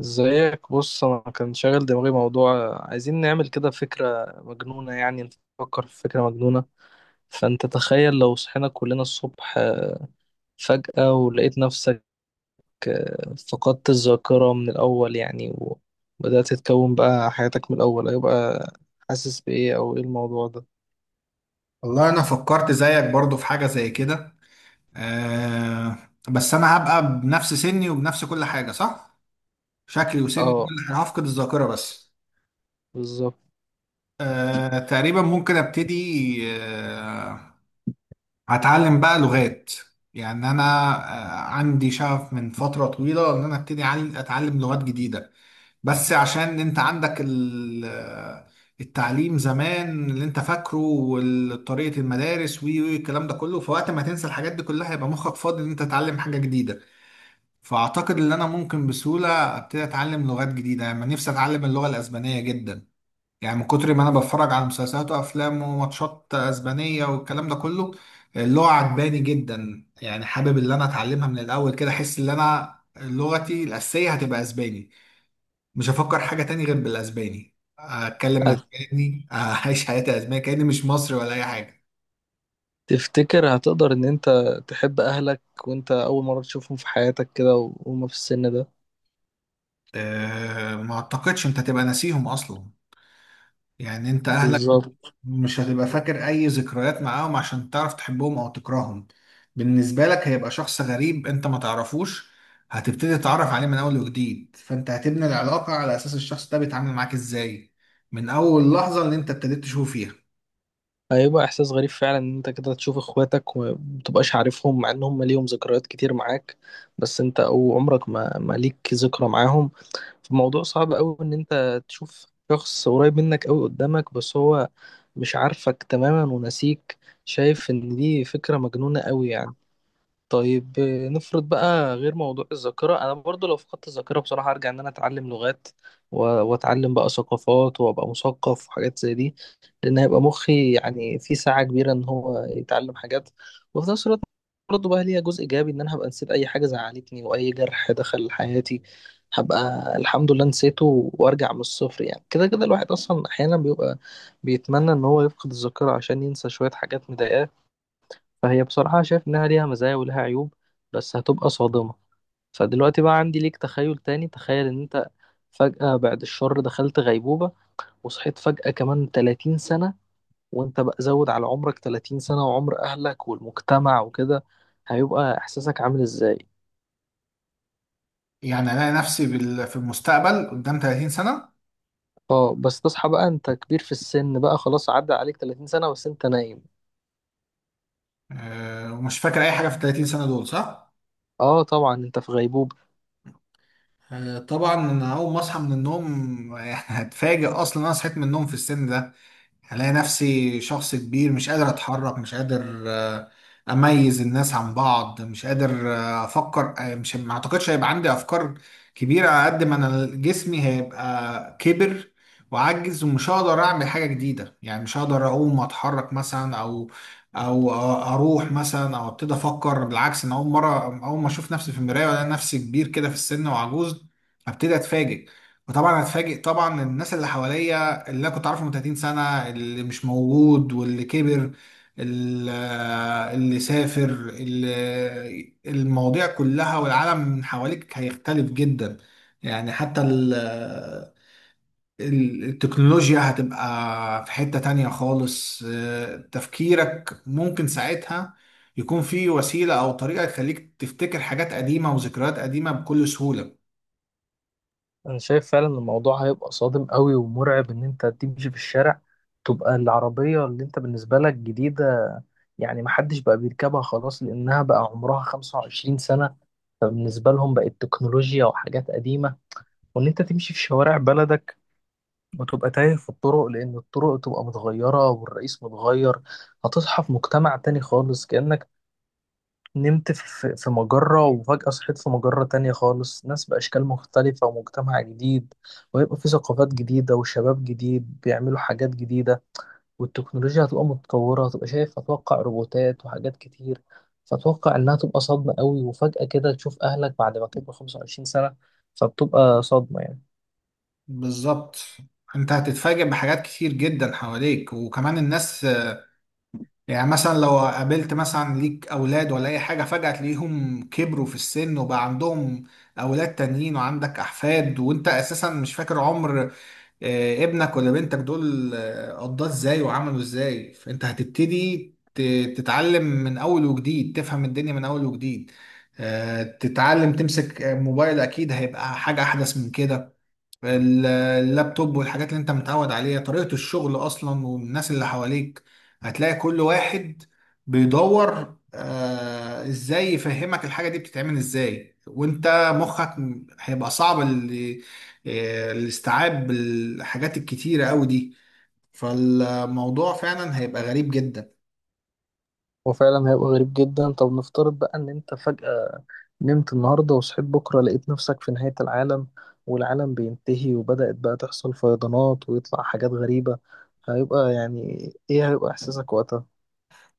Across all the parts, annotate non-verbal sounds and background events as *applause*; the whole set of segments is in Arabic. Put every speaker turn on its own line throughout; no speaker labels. ازيك، بص، انا كان شاغل دماغي موضوع. عايزين نعمل كده فكرة مجنونة يعني، نفكر في فكرة مجنونة. فانت تخيل لو صحينا كلنا الصبح فجأة ولقيت نفسك فقدت الذاكرة من الأول يعني، وبدأت تتكون بقى حياتك من الأول. هيبقى حاسس بإيه أو إيه الموضوع ده؟
والله انا فكرت زيك برضو في حاجة زي كده. آه. بس انا هبقى بنفس سني وبنفس كل حاجة، صح؟ شكلي وسني كل
اه،
حاجة، هفقد الذاكرة بس.
بالظبط.
آه، تقريبا ممكن ابتدي. آه، هتعلم بقى لغات. يعني انا، عندي شغف من فترة طويلة ان انا ابتدي اتعلم لغات جديدة. بس عشان انت عندك التعليم زمان اللي انت فاكره وطريقة المدارس وي وي الكلام ده كله، فوقت ما تنسى الحاجات دي كلها يبقى مخك فاضي ان انت تتعلم حاجة جديدة. فاعتقد ان انا ممكن بسهولة ابتدي اتعلم لغات جديدة. يعني نفسي اتعلم اللغة الاسبانية جدا، يعني من كتر ما انا بتفرج على مسلسلات وافلام وماتشات اسبانية والكلام ده كله. اللغة عجباني جدا، يعني حابب ان انا اتعلمها من الاول كده. احس ان انا لغتي الاساسية هتبقى اسباني، مش هفكر حاجة تاني غير بالاسباني، اتكلم اسباني، اعيش حياتي اسباني كأني مش مصري ولا اي حاجة.
هتفتكر هتقدر إن أنت تحب أهلك وأنت أول مرة تشوفهم في حياتك كده وهما في السن ده؟
أه، ما اعتقدش. انت هتبقى ناسيهم اصلا. يعني انت اهلك
بالظبط.
مش هتبقى فاكر اي ذكريات معاهم عشان تعرف تحبهم او تكرههم. بالنسبة لك هيبقى شخص غريب انت ما تعرفوش، هتبتدي تتعرف عليه من اول وجديد، فانت هتبني العلاقة على اساس الشخص ده بيتعامل معاك ازاي من اول لحظة اللي انت ابتديت تشوفه فيها.
هيبقى احساس غريب فعلا ان انت كده تشوف اخواتك ومتبقاش عارفهم، مع ان هم ليهم ذكريات كتير معاك بس انت او عمرك ما ليك ذكرى معاهم. فالموضوع صعب قوي، ان انت تشوف شخص قريب منك قوي قدامك بس هو مش عارفك تماما ونسيك. شايف ان دي فكرة مجنونة قوي يعني. طيب نفرض بقى غير موضوع الذاكرة، أنا برضو لو فقدت الذاكرة بصراحة أرجع إن أنا أتعلم لغات وأتعلم بقى ثقافات وأبقى مثقف وحاجات زي دي، لأن هيبقى مخي يعني في ساعة كبيرة إن هو يتعلم حاجات. وفي نفس الوقت برضو بقى ليها جزء إيجابي، إن أنا هبقى نسيت أي حاجة زعلتني وأي جرح دخل حياتي. هبقى الحمد لله نسيته وأرجع من الصفر. يعني كده كده الواحد أصلا أحيانا بيبقى بيتمنى إن هو يفقد الذاكرة عشان ينسى شوية حاجات مضايقاه. فهي بصراحة شايف إنها ليها مزايا ولها عيوب، بس هتبقى صادمة. فدلوقتي بقى عندي ليك تخيل تاني. تخيل إن أنت فجأة، بعد الشر، دخلت غيبوبة وصحيت فجأة كمان 30 سنة، وأنت بقى زود على عمرك 30 سنة وعمر أهلك والمجتمع وكده. هيبقى إحساسك عامل إزاي؟
يعني الاقي نفسي في المستقبل قدام 30 سنة.
اه، بس تصحى بقى أنت كبير في السن، بقى خلاص عدى عليك 30 سنة بس أنت نايم.
آه، ومش فاكر اي حاجه في ال 30 سنه دول، صح.
اه طبعا أنت في غيبوبة.
آه، طبعا انا اول ما اصحى من النوم *laughs* يعني هتفاجئ اصلا انا صحيت من النوم في السن ده. هلاقي نفسي شخص كبير، مش قادر اتحرك، مش قادر اميز الناس عن بعض، مش قادر افكر. آه، مش ما اعتقدش هيبقى عندي افكار كبيرة على قد ما انا جسمي هيبقى كبر وعجز، ومش هقدر اعمل حاجة جديدة. يعني مش هقدر اقوم اتحرك مثلا، او اروح مثلا، او ابتدي افكر. بالعكس، انا اول مرة اول ما اشوف نفسي في المراية والاقي نفسي كبير كده في السن وعجوز هبتدي اتفاجئ. وطبعا هتفاجئ طبعا الناس اللي حواليا اللي أنا كنت عارفه من 30 سنة، اللي مش موجود واللي كبر، ال- اللي سافر، المواضيع كلها. والعالم من حواليك هيختلف جدا، يعني حتى التكنولوجيا هتبقى في حتة تانية خالص. آه، تفكيرك ممكن ساعتها يكون في وسيلة أو طريقة تخليك تفتكر حاجات قديمة وذكريات قديمة بكل سهولة.
انا شايف فعلا إن الموضوع هيبقى صادم قوي ومرعب، ان انت تمشي في الشارع تبقى العربية اللي انت بالنسبة لك جديدة يعني محدش بقى بيركبها خلاص لانها بقى عمرها 25 سنة، فبالنسبة لهم بقت تكنولوجيا وحاجات قديمة. وان انت تمشي في شوارع بلدك وتبقى تايه في الطرق لان الطرق تبقى متغيرة والرئيس متغير. هتصحى في مجتمع تاني خالص، كأنك نمت في مجرة وفجأة صحيت في مجرة تانية خالص، ناس بأشكال مختلفة ومجتمع جديد. وهيبقى في ثقافات جديدة وشباب جديد بيعملوا حاجات جديدة، والتكنولوجيا هتبقى متطورة. هتبقى شايف أتوقع روبوتات وحاجات كتير. فأتوقع إنها تبقى صدمة قوي، وفجأة كده تشوف أهلك بعد ما تبقى 25 سنة، فبتبقى صدمة يعني.
بالظبط، انت هتتفاجئ بحاجات كتير جدا حواليك وكمان الناس. يعني مثلا لو قابلت مثلا ليك اولاد ولا اي حاجه، فجاه تلاقيهم كبروا في السن وبقى عندهم اولاد تانيين وعندك احفاد، وانت اساسا مش فاكر عمر ابنك ولا بنتك دول قضاه ازاي وعملوا ازاي. فانت هتبتدي تتعلم من اول وجديد، تفهم الدنيا من اول وجديد. تتعلم تمسك موبايل اكيد هيبقى حاجه احدث من كده، اللابتوب والحاجات اللي انت متعود عليها، طريقة الشغل اصلا والناس اللي حواليك. هتلاقي كل واحد بيدور آه ازاي يفهمك الحاجة دي بتتعمل ازاي، وانت مخك هيبقى صعب الاستيعاب بالحاجات الكتيرة قوي دي. فالموضوع فعلا هيبقى غريب جدا.
وفعلا هيبقى غريب جدا. طب نفترض بقى إن أنت فجأة نمت النهاردة وصحيت بكرة لقيت نفسك في نهاية العالم، والعالم بينتهي وبدأت بقى تحصل فيضانات ويطلع حاجات غريبة. هيبقى يعني إيه، هيبقى إحساسك وقتها؟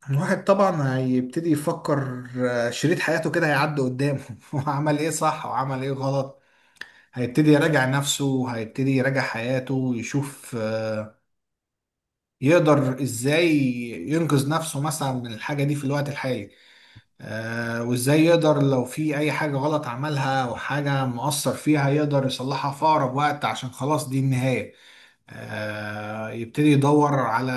الواحد طبعا هيبتدي يفكر، شريط حياته كده هيعدي قدامه *laughs* وعمل ايه صح وعمل ايه غلط. هيبتدي يراجع نفسه، هيبتدي يراجع حياته، يشوف يقدر ازاي ينقذ نفسه مثلا من الحاجة دي في الوقت الحالي. آه، وازاي يقدر لو في اي حاجة غلط عملها او حاجة مؤثر فيها يقدر يصلحها في اقرب وقت عشان خلاص دي النهاية. آه، يبتدي يدور على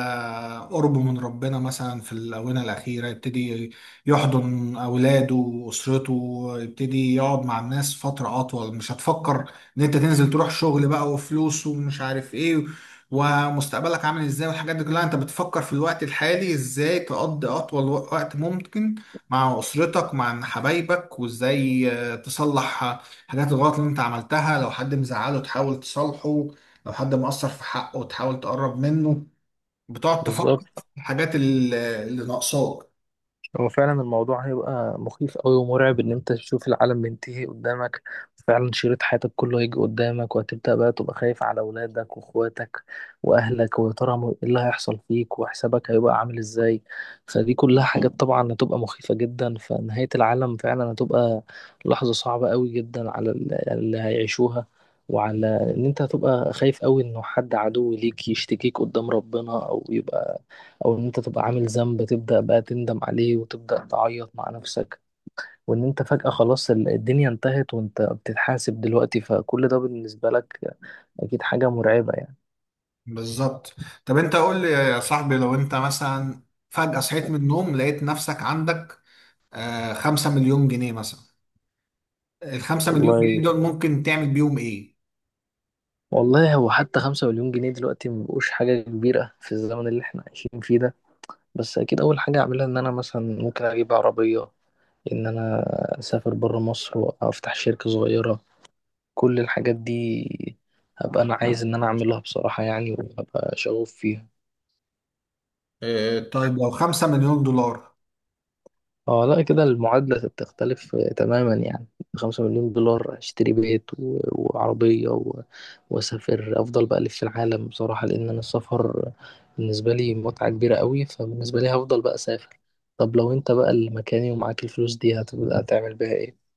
قرب من ربنا مثلا في الآونة الأخيرة، يبتدي يحضن أولاده وأسرته، يبتدي يقعد مع الناس فترة أطول. مش هتفكر إن أنت تنزل تروح شغل بقى وفلوس ومش عارف إيه ومستقبلك عامل إزاي والحاجات دي كلها. أنت بتفكر في الوقت الحالي إزاي تقضي أطول وقت ممكن مع أسرتك مع حبايبك، وإزاي تصلح حاجات الغلط اللي أنت عملتها. لو حد مزعله تحاول تصالحه، لو حد مقصر في حقه وتحاول تقرب منه. بتقعد
بالظبط.
تفكر في الحاجات اللي ناقصاك.
هو فعلا الموضوع هيبقى مخيف أوي ومرعب، إن أنت تشوف العالم بينتهي قدامك. فعلا شريط حياتك كله هيجي قدامك، وهتبدأ بقى تبقى خايف على أولادك وأخواتك وأهلك، ويا ترى إيه اللي هيحصل فيك وحسابك هيبقى عامل إزاي. فدي كلها حاجات طبعا هتبقى مخيفة جدا. فنهاية العالم فعلا هتبقى لحظة صعبة أوي جدا على اللي هيعيشوها، وعلى إن أنت هتبقى خايف أوي إنه حد عدو ليك يشتكيك قدام ربنا، أو يبقى او ان انت تبقى عامل ذنب تبدأ بقى تندم عليه وتبدأ تعيط مع نفسك، وان انت فجأة خلاص الدنيا انتهت وانت بتتحاسب دلوقتي. فكل ده بالنسبة لك اكيد حاجة مرعبة يعني.
بالظبط. طب انت قول لي يا صاحبي، لو انت مثلا فجأة صحيت من النوم لقيت نفسك عندك خمسة مليون جنيه مثلا، الخمسة مليون
والله،
جنيه دول ممكن تعمل بيهم ايه؟
والله هو حتى 5 مليون جنيه دلوقتي مبقوش حاجة كبيرة في الزمن اللي احنا عايشين فيه ده. بس أكيد أول حاجة أعملها إن أنا مثلا ممكن أجيب عربية، إن أنا أسافر برا مصر وأفتح شركة صغيرة. كل الحاجات دي هبقى أنا عايز إن أنا أعملها بصراحة يعني، وهبقى شغوف فيها.
آه، طيب لو خمسة مليون دولار؟
اه لا كده المعادلة بتختلف تماما يعني. ب5 مليون دولار اشتري بيت وعربية واسافر افضل بألف في العالم بصراحة، لان انا السفر بالنسبة لي متعة كبيرة قوي، فبالنسبة لي هفضل بقى اسافر. طب لو انت بقى اللي مكاني ومعاك الفلوس دي هتبقى هتعمل بيها ايه؟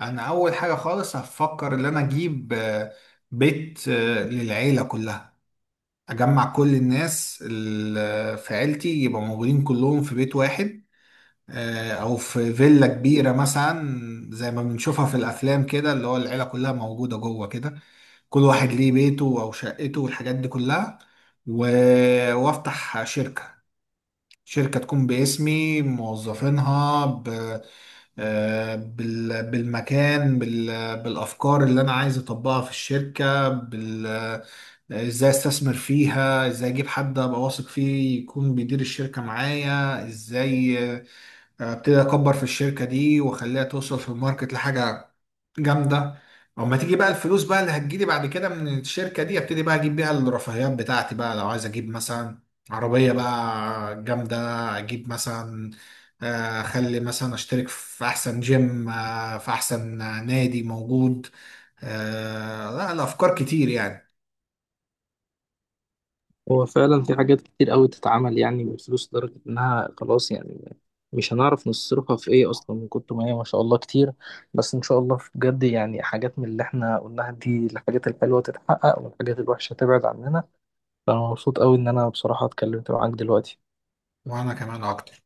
انا اول حاجة خالص هفكر ان انا اجيب بيت للعيلة كلها، اجمع كل الناس اللي في عيلتي يبقى موجودين كلهم في بيت واحد. آه، او في فيلا كبيره مثلا، زي ما بنشوفها في الافلام كده، اللي هو العيله كلها موجوده جوه كده، كل واحد ليه بيته او شقته والحاجات دي كلها. و... وافتح شركه، شركه تكون باسمي، موظفينها بالمكان، بالافكار اللي انا عايز اطبقها في الشركه، بال... آه، ازاي استثمر فيها، ازاي اجيب حد ابقى واثق فيه يكون بيدير الشركه معايا ازاي، ابتدي اكبر في الشركه دي واخليها توصل في الماركت لحاجه جامده. اما تيجي بقى الفلوس بقى اللي هتجيلي بعد كده من الشركه دي، ابتدي بقى اجيب بيها الرفاهيات بتاعتي بقى. لو عايز اجيب مثلا عربيه بقى جامده، اجيب مثلا اخلي مثلا اشترك في احسن جيم، في احسن نادي موجود. آه، لا الافكار كتير يعني.
هو فعلا في حاجات كتير قوي تتعمل يعني بالفلوس، لدرجة إنها خلاص يعني مش هنعرف نصرفها في إيه أصلا من كتر ما هي ما شاء الله كتير. بس إن شاء الله في بجد يعني حاجات من اللي إحنا قلناها دي، الحاجات الحلوة تتحقق والحاجات الوحشة تبعد عننا. فأنا مبسوط قوي إن أنا بصراحة اتكلمت معاك دلوقتي.
وانا كمان اكتر.